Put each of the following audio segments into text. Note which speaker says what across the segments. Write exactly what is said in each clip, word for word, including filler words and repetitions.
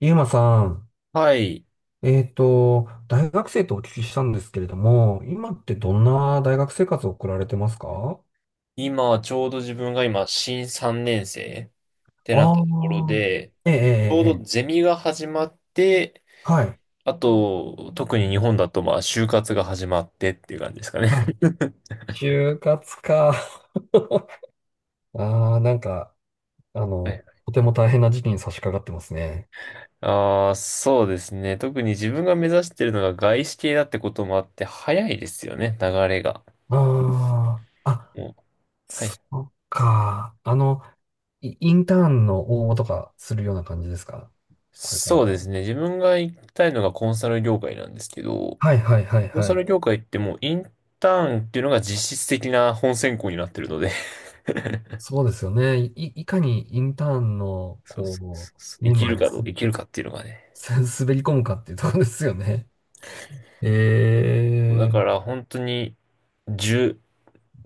Speaker 1: ゆうまさん、
Speaker 2: はい。
Speaker 1: えっと、大学生とお聞きしたんですけれども、今ってどんな大学生活を送られてますか？
Speaker 2: 今、ちょうど自分が今、新さんねん生って
Speaker 1: あ
Speaker 2: なったところ
Speaker 1: あー、
Speaker 2: で、
Speaker 1: ええ、ええ、
Speaker 2: ちょう
Speaker 1: え
Speaker 2: どゼ
Speaker 1: え、
Speaker 2: ミが始まって、
Speaker 1: はい。
Speaker 2: あと、特に日本だと、まあ、就活が始まってっていう感じですかね。
Speaker 1: はい。就活か。ああ、なんか、あの、とても大変な時期に差し掛かってますね。
Speaker 2: ああー、そうですね。特に自分が目指してるのが外資系だってこともあって、早いですよね、流れが。
Speaker 1: ああ、あ、
Speaker 2: もうは
Speaker 1: そ
Speaker 2: い。
Speaker 1: っか。あの、イインターンの応募とかするような感じですか？これか
Speaker 2: そ
Speaker 1: ら。
Speaker 2: うですね。自分が行きたいのがコンサル業界なんですけど、
Speaker 1: はい、はい、はい、
Speaker 2: コン
Speaker 1: は
Speaker 2: サ
Speaker 1: い。
Speaker 2: ル業界ってもうインターンっていうのが実質的な本選考になってるので、
Speaker 1: そうですよね。い、いかにインターンの、
Speaker 2: そうそうそ
Speaker 1: こ
Speaker 2: うそう。
Speaker 1: う、
Speaker 2: 生
Speaker 1: メン
Speaker 2: き
Speaker 1: バ
Speaker 2: る
Speaker 1: ーに
Speaker 2: かど
Speaker 1: す、
Speaker 2: う、生きるかっていうのがね。
Speaker 1: す滑り込むかっていうところですよね。
Speaker 2: そうだ
Speaker 1: え
Speaker 2: か
Speaker 1: ー、
Speaker 2: ら本当にじゅう、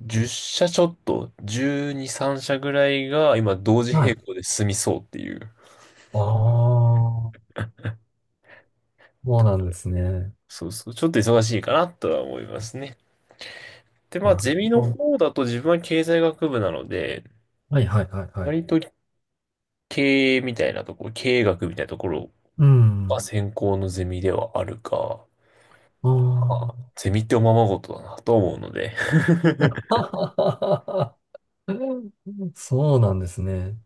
Speaker 2: じゅっ社ちょっと、じゅうに、さん社ぐらいが今同時
Speaker 1: はい。
Speaker 2: 並行で進みそうっていう。
Speaker 1: ああ、そうなんですね。
Speaker 2: そうそう。ちょっと忙しいかなとは思いますね。で、まあ
Speaker 1: なる
Speaker 2: ゼミの
Speaker 1: ほど。
Speaker 2: 方だと自分は経済学部なので、
Speaker 1: はいはいはいはい。
Speaker 2: 割と経営みたいなところ、経営学みたいなところ
Speaker 1: う
Speaker 2: が
Speaker 1: ん。
Speaker 2: 専攻のゼミではあるか、まあ
Speaker 1: あ
Speaker 2: ゼミっておままごとだなと思うので、
Speaker 1: あ。そうなんですね。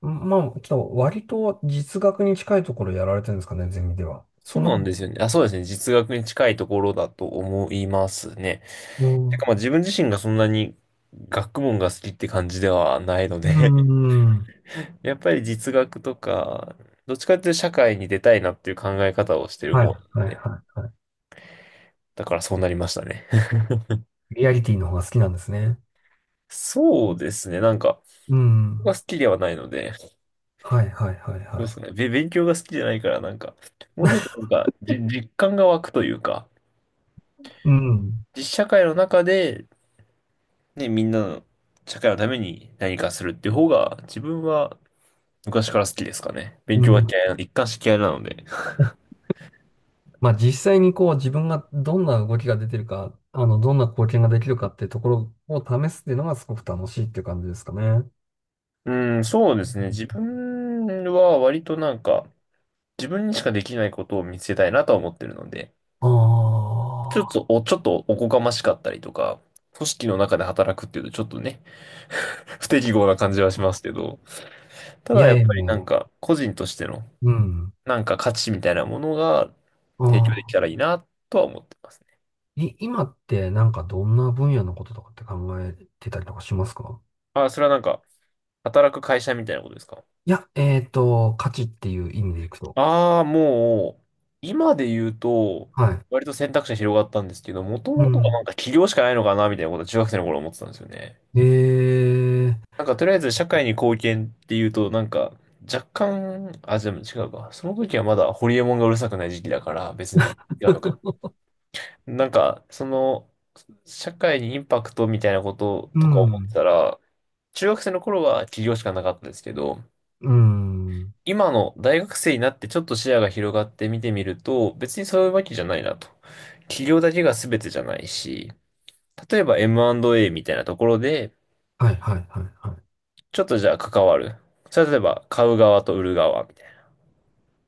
Speaker 1: まあ、ちょっと割と実学に近いところやられてるんですかね、ゼミでは。
Speaker 2: そ
Speaker 1: そ
Speaker 2: う
Speaker 1: の、
Speaker 2: なんですよね。あ、そうですね。実学に近いところだと思いますね。
Speaker 1: う
Speaker 2: てか
Speaker 1: ん、
Speaker 2: まあ自分自身がそんなに学問が好きって感じではないの
Speaker 1: う
Speaker 2: で
Speaker 1: ん、
Speaker 2: やっぱり実学とか、どっちかっていうと社会に出たいなっていう考え方をしてる
Speaker 1: はい
Speaker 2: 方
Speaker 1: は
Speaker 2: な
Speaker 1: い
Speaker 2: ので、
Speaker 1: は
Speaker 2: だからそうなりましたね。
Speaker 1: い。リアリティの方が好きなんですね。
Speaker 2: そうですね。なんか、
Speaker 1: う
Speaker 2: 僕が
Speaker 1: ん。
Speaker 2: 好きではないので、
Speaker 1: はいはいはい
Speaker 2: どうで
Speaker 1: は
Speaker 2: す
Speaker 1: い。
Speaker 2: かね。べ勉強が好きじゃないから、なんか、もうちょっと なんか、じ実感が湧くというか、
Speaker 1: うん。
Speaker 2: 実社会の中でね、みんなの社会のために何かするっていう方が、自分は昔から好きですかね。勉
Speaker 1: う
Speaker 2: 強が
Speaker 1: ん。
Speaker 2: 嫌いな、一貫して嫌いなので。
Speaker 1: まあ実際にこう自分がどんな動きが出てるか、あの、どんな貢献ができるかってところを試すっていうのがすごく楽しいっていう感じですかね。
Speaker 2: うん、そうですね。自分は割となんか、自分にしかできないことを見つけたいなとは思ってるので、ちょっ
Speaker 1: ああ
Speaker 2: とお、ちょっとおこがましかったりとか、組織の中で働くっていうとちょっとね、不適合な感じはしますけど、た
Speaker 1: ー。い
Speaker 2: だ
Speaker 1: や
Speaker 2: や
Speaker 1: い
Speaker 2: っぱ
Speaker 1: やい
Speaker 2: り
Speaker 1: や。
Speaker 2: なんか、個人としての、
Speaker 1: うん。
Speaker 2: なんか価値みたいなものが
Speaker 1: あ
Speaker 2: 提供できたら
Speaker 1: あ。
Speaker 2: いいなとは思ってますね。
Speaker 1: い、今ってなんかどんな分野のこととかって考えてたりとかしますか？
Speaker 2: あ、それはなんか、働く会社みたいなことですか？
Speaker 1: いや、えっと、価値っていう意味でいくと。
Speaker 2: ああー、もう、今で言うと、
Speaker 1: はい。
Speaker 2: 割と選択肢が広がったんですけど、もと
Speaker 1: う
Speaker 2: もとはなん
Speaker 1: ん。
Speaker 2: か起業しかないのかな、みたいなことは中学生の頃思ってたんですよね。
Speaker 1: ええ、
Speaker 2: なんかとりあえず社会に貢献っていうと、なんか若干、あ、でも違うか。その時はまだホリエモンがうるさくない時期だから、別に違うのか。なんか、その、社会にインパクトみたいなこと
Speaker 1: う
Speaker 2: とか思って
Speaker 1: ん。
Speaker 2: たら、中学生の頃は起業しかなかったですけど、
Speaker 1: うん。
Speaker 2: 今の大学生になってちょっと視野が広がって見てみると、別にそういうわけじゃないなと。企業だけが全てじゃないし、例えば エムアンドエー みたいなところで、
Speaker 1: はいはいはいはい。
Speaker 2: ちょっとじゃあ関わる。それは例えば買う側と売る側みたいな。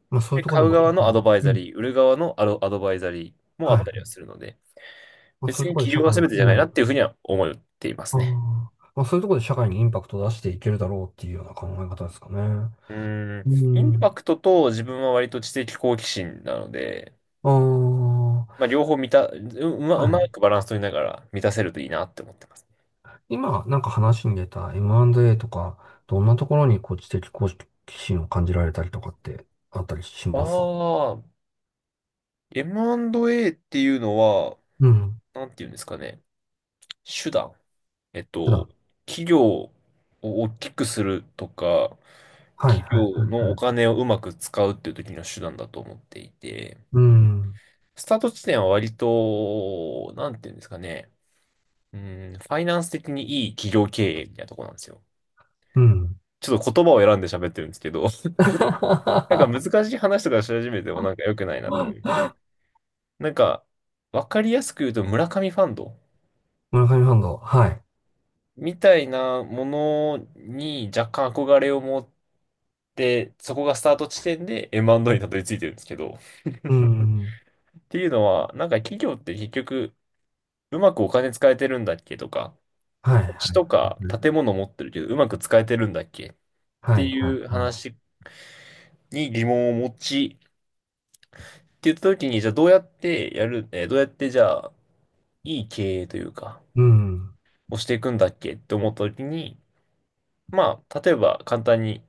Speaker 1: まあそうい
Speaker 2: で、
Speaker 1: うとこ
Speaker 2: 買
Speaker 1: ろで
Speaker 2: う
Speaker 1: も社
Speaker 2: 側の
Speaker 1: 会
Speaker 2: ア
Speaker 1: に、
Speaker 2: ドバイ
Speaker 1: う
Speaker 2: ザ
Speaker 1: ん。
Speaker 2: リー、売る側のアド、アドバイザリーもあ
Speaker 1: は
Speaker 2: っ
Speaker 1: い。
Speaker 2: たりはするので、
Speaker 1: まあそ
Speaker 2: 別
Speaker 1: ういうと
Speaker 2: に
Speaker 1: ころで
Speaker 2: 企
Speaker 1: 社
Speaker 2: 業が
Speaker 1: 会に、
Speaker 2: 全てじゃ
Speaker 1: う
Speaker 2: ないな
Speaker 1: ん。
Speaker 2: っていうふうには思っています
Speaker 1: ああ。
Speaker 2: ね。
Speaker 1: まあそういうところで社会にインパクトを出していけるだろうっていうような考え方ですかね。
Speaker 2: うーん、
Speaker 1: う
Speaker 2: インパ
Speaker 1: ん。
Speaker 2: クトと自分は割と知的好奇心なので、
Speaker 1: あ
Speaker 2: まあ、両方満た、う、うま、
Speaker 1: あ。
Speaker 2: う
Speaker 1: は
Speaker 2: ま
Speaker 1: い。
Speaker 2: くバランス取りながら満たせるといいなって思ってます。
Speaker 1: 今なんか話に出た エムアンドエー とか、どんなところにこう知的好奇心を感じられたりとかってあったりし
Speaker 2: あ
Speaker 1: ます？
Speaker 2: あ、エムアンドエー っていうのは、
Speaker 1: うん。
Speaker 2: なんていうんですかね。手段。えっ
Speaker 1: 普段。
Speaker 2: と、企業を大きくするとか、
Speaker 1: はいは
Speaker 2: 企
Speaker 1: いはいは
Speaker 2: 業のお
Speaker 1: い。
Speaker 2: 金をうまく使うっていう時の手段だと思っていて、
Speaker 1: うん。
Speaker 2: スタート地点は割と、なんていうんですかね。うん、ファイナンス的にいい企業経営みたいなとこなんですよ。
Speaker 1: うん。
Speaker 2: ちょっと言葉を選んで喋ってるんですけど、なんか 難しい話とかし始めてもなんか良くないなって思って。なんか、わかりやすく言うと村上ファンド。
Speaker 1: 村上ファンド。はい。
Speaker 2: みたいなものに若干憧れを持って、そこがスタート地点で エムアンドエー にたどり着いてるんですけど。っ
Speaker 1: うん。
Speaker 2: ていうのは、なんか企業って結局、うまくお金使えてるんだっけとか、
Speaker 1: はい
Speaker 2: 土地
Speaker 1: はい
Speaker 2: とか
Speaker 1: はい。
Speaker 2: 建物持ってるけど、うまく使えてるんだっけっ
Speaker 1: は
Speaker 2: て
Speaker 1: い、はい、
Speaker 2: いう
Speaker 1: はい。
Speaker 2: 話に疑問を持ち、って言った時に、じゃあどうやってやる、えーどうやってじゃあ、いい経営というか、
Speaker 1: うん、
Speaker 2: をしていくんだっけって思った時に、まあ、例えば簡単に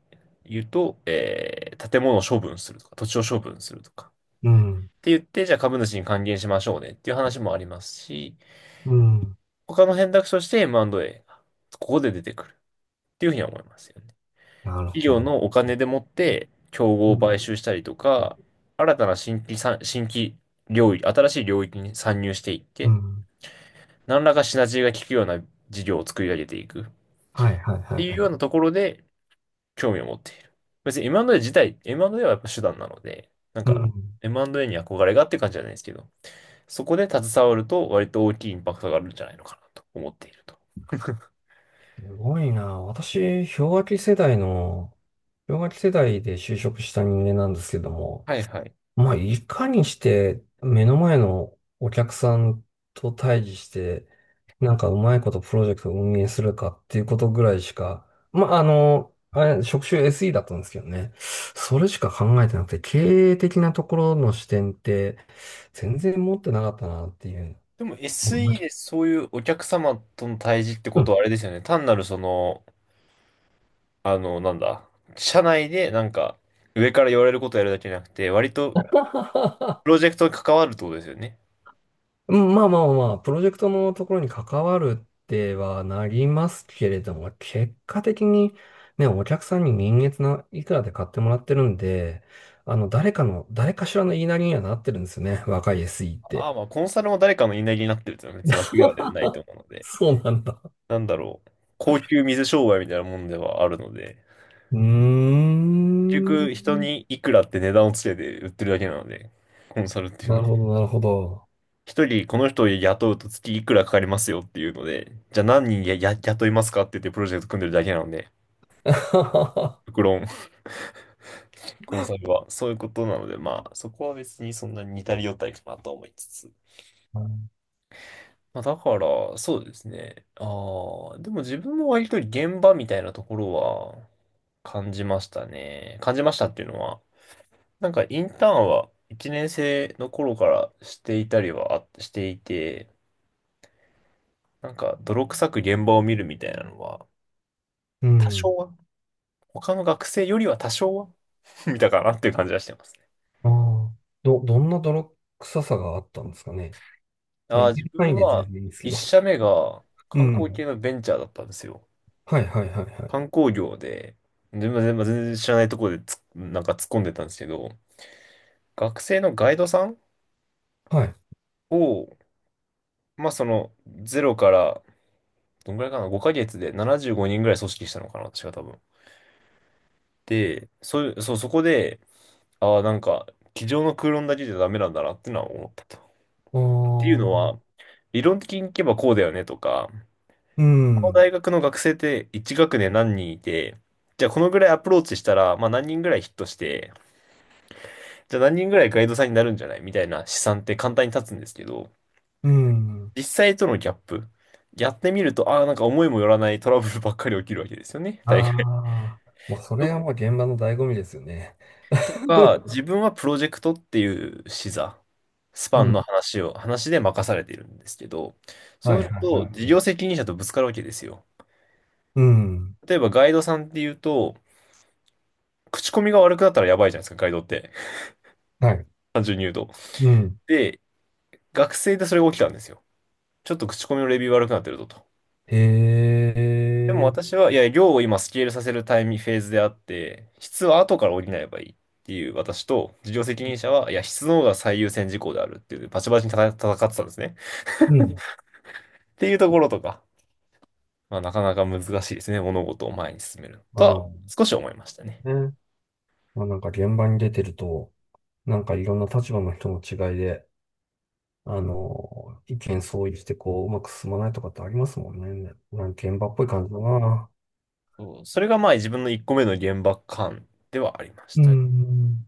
Speaker 2: 言うと、えー、建物を処分するとか、土地を処分するとか。
Speaker 1: うん、
Speaker 2: って言って、じゃあ株主に還元しましょうねっていう話もありますし、
Speaker 1: うん。
Speaker 2: 他の選択肢として エムアンドエー がここで出てくるっていうふうには思いますよね。
Speaker 1: なる
Speaker 2: 企
Speaker 1: ほ
Speaker 2: 業
Speaker 1: ど。
Speaker 2: のお金でもって、競合
Speaker 1: う
Speaker 2: を買
Speaker 1: ん、
Speaker 2: 収したりとか、新たな新規さん、新規領域、新しい領域に参入していっ
Speaker 1: う
Speaker 2: て、
Speaker 1: ん。
Speaker 2: 何らかシナジーが効くような事業を作り上げていくっ
Speaker 1: はい、はい、は
Speaker 2: ていう
Speaker 1: い、は
Speaker 2: ような
Speaker 1: い。
Speaker 2: ところで、興味を持っている。別に エムアンドエー 自体、エムアンドエー はやっぱ手段なので、なん
Speaker 1: う
Speaker 2: か
Speaker 1: ん。
Speaker 2: エムアンドエー に憧れがっていう感じじゃないですけど、そこで携わると割と大きいインパクトがあるんじゃないのかなと思っていると。
Speaker 1: すごいな。私、氷河期世代の、氷河期世代で就職した人間なんですけども、
Speaker 2: はいはい。
Speaker 1: まあ、いかにして目の前のお客さんと対峙して、なんかうまいことプロジェクトを運営するかっていうことぐらいしか、まあ、あの、あれ、職種 エスイー だったんですけどね。それしか考えてなくて、経営的なところの視点って全然持ってなかったなっていう。
Speaker 2: でも
Speaker 1: う
Speaker 2: エスイー でそういうお客様との対峙ってことはあ
Speaker 1: ん。
Speaker 2: れですよね。単なるその、あの、なんだ、社内でなんか上から言われることをやるだけじゃなくて、割と プロジェクトに関わるってことですよね。
Speaker 1: うんまあまあまあ、プロジェクトのところに関わるってはなりますけれども、結果的にね、お客さんに人月ないくらで買ってもらってるんで、あの、誰かの、誰かしらの言いなりにはなってるんですよね。若い エスイー っ
Speaker 2: あ
Speaker 1: て。
Speaker 2: あ、まあコンサルも誰かの言いなりになってるっていうのは別に間違いではないと思うの で。
Speaker 1: そうなんだ。
Speaker 2: なんだろう、高級水商売みたいなもんではあるので、
Speaker 1: う
Speaker 2: 結
Speaker 1: ー
Speaker 2: 局
Speaker 1: ん。
Speaker 2: 人にいくらって値段をつけて売ってるだけなので、コンサルっていう
Speaker 1: な
Speaker 2: の
Speaker 1: る
Speaker 2: は。
Speaker 1: ほど、なるほど。
Speaker 2: 一人この人を雇うと月いくらかかりますよっていうので、じゃあ何人や、や、雇いますかって言ってプロジェクト組んでるだけなので、極論、コンサルはそういうことなので、まあそこは別にそんなに似たり寄ったりかなと思いつつ。まあ、だから、そうですね。ああ、でも自分も割と現場みたいなところは感じましたね。感じましたっていうのは、なんかインターンはいちねん生の頃からしていたりはあしていて、なんか泥臭く現場を見るみたいなのは、
Speaker 1: う
Speaker 2: 多
Speaker 1: ん。
Speaker 2: 少は、他の学生よりは多少は 見たかなっていう感じはしてますね。
Speaker 1: ああ。ど、どんな泥臭さがあったんですかね。まあ、
Speaker 2: ああ、
Speaker 1: 言え
Speaker 2: 自
Speaker 1: る範
Speaker 2: 分
Speaker 1: 囲で全
Speaker 2: は
Speaker 1: 然いいんですけ
Speaker 2: いっ
Speaker 1: ど。
Speaker 2: 社目が
Speaker 1: う
Speaker 2: 観光
Speaker 1: ん。
Speaker 2: 系のベンチャーだったんですよ。
Speaker 1: はい、はい、はい、はい。
Speaker 2: 観光業で、全然全然知らないところでつなんか突っ込んでたんですけど、学生のガイドさん
Speaker 1: はい
Speaker 2: を、まあそのゼロからどんぐらいかな、ごかげつでななじゅうごにんぐらい組織したのかな、私が多分。で、そういう、そう、そこで、ああ、なんか、机上の空論だけじゃダメなんだなってのは思ったと。
Speaker 1: お
Speaker 2: っていうのは、
Speaker 1: ー、
Speaker 2: 理論的にいけばこうだよねとか、
Speaker 1: う
Speaker 2: この
Speaker 1: ん、
Speaker 2: 大学の学生っていち学年何人いて、じゃあこのぐらいアプローチしたら、まあ何人ぐらいヒットして、じゃあ何人ぐらいガイドさんになるんじゃないみたいな試算って簡単に立つんですけど、
Speaker 1: うん。
Speaker 2: 実際とのギャップ。やってみると、ああ、なんか思いもよらないトラブルばっかり起きるわけですよね。大
Speaker 1: あ
Speaker 2: 学
Speaker 1: あ、もうそれはもう現場の醍醐味ですよね。
Speaker 2: とか、自分はプロジェクトっていう視座、ス
Speaker 1: う
Speaker 2: パンの
Speaker 1: ん。
Speaker 2: 話を、話で任されているんですけど、そ
Speaker 1: はい
Speaker 2: う
Speaker 1: は
Speaker 2: す
Speaker 1: い
Speaker 2: る
Speaker 1: は
Speaker 2: と事
Speaker 1: い。
Speaker 2: 業責任者とぶつかるわけですよ。
Speaker 1: うん。
Speaker 2: 例えばガイドさんっていうと、口コミが悪くなったらやばいじゃないですか、ガイドって。
Speaker 1: はい。
Speaker 2: 単純に言うと。
Speaker 1: うん。
Speaker 2: で、学生でそれが起きたんですよ。ちょっと口コミのレビュー悪くなってるぞと。
Speaker 1: へ
Speaker 2: でも
Speaker 1: え。
Speaker 2: 私は、いや、量を今スケールさせるタイミング、フェーズであって、質は後から補えばいいっていう私と、事業責任者は、いや、質の方が最優先事項であるっていう、バチバチに戦戦ってたんですね。
Speaker 1: うん。
Speaker 2: っていうところとか、まあ、なかなか難しいですね。物事を前に進めると
Speaker 1: あ
Speaker 2: は
Speaker 1: あ、
Speaker 2: 少し思いましたね。
Speaker 1: ね。まあ、なんか現場に出てると、なんかいろんな立場の人の違いで、あの、意見相違してこう、うまく進まないとかってありますもんね。なんか現場っぽい感じだな。
Speaker 2: そうそれがまあ自分のいっこめの原爆感ではありまし
Speaker 1: う
Speaker 2: たね。
Speaker 1: ん。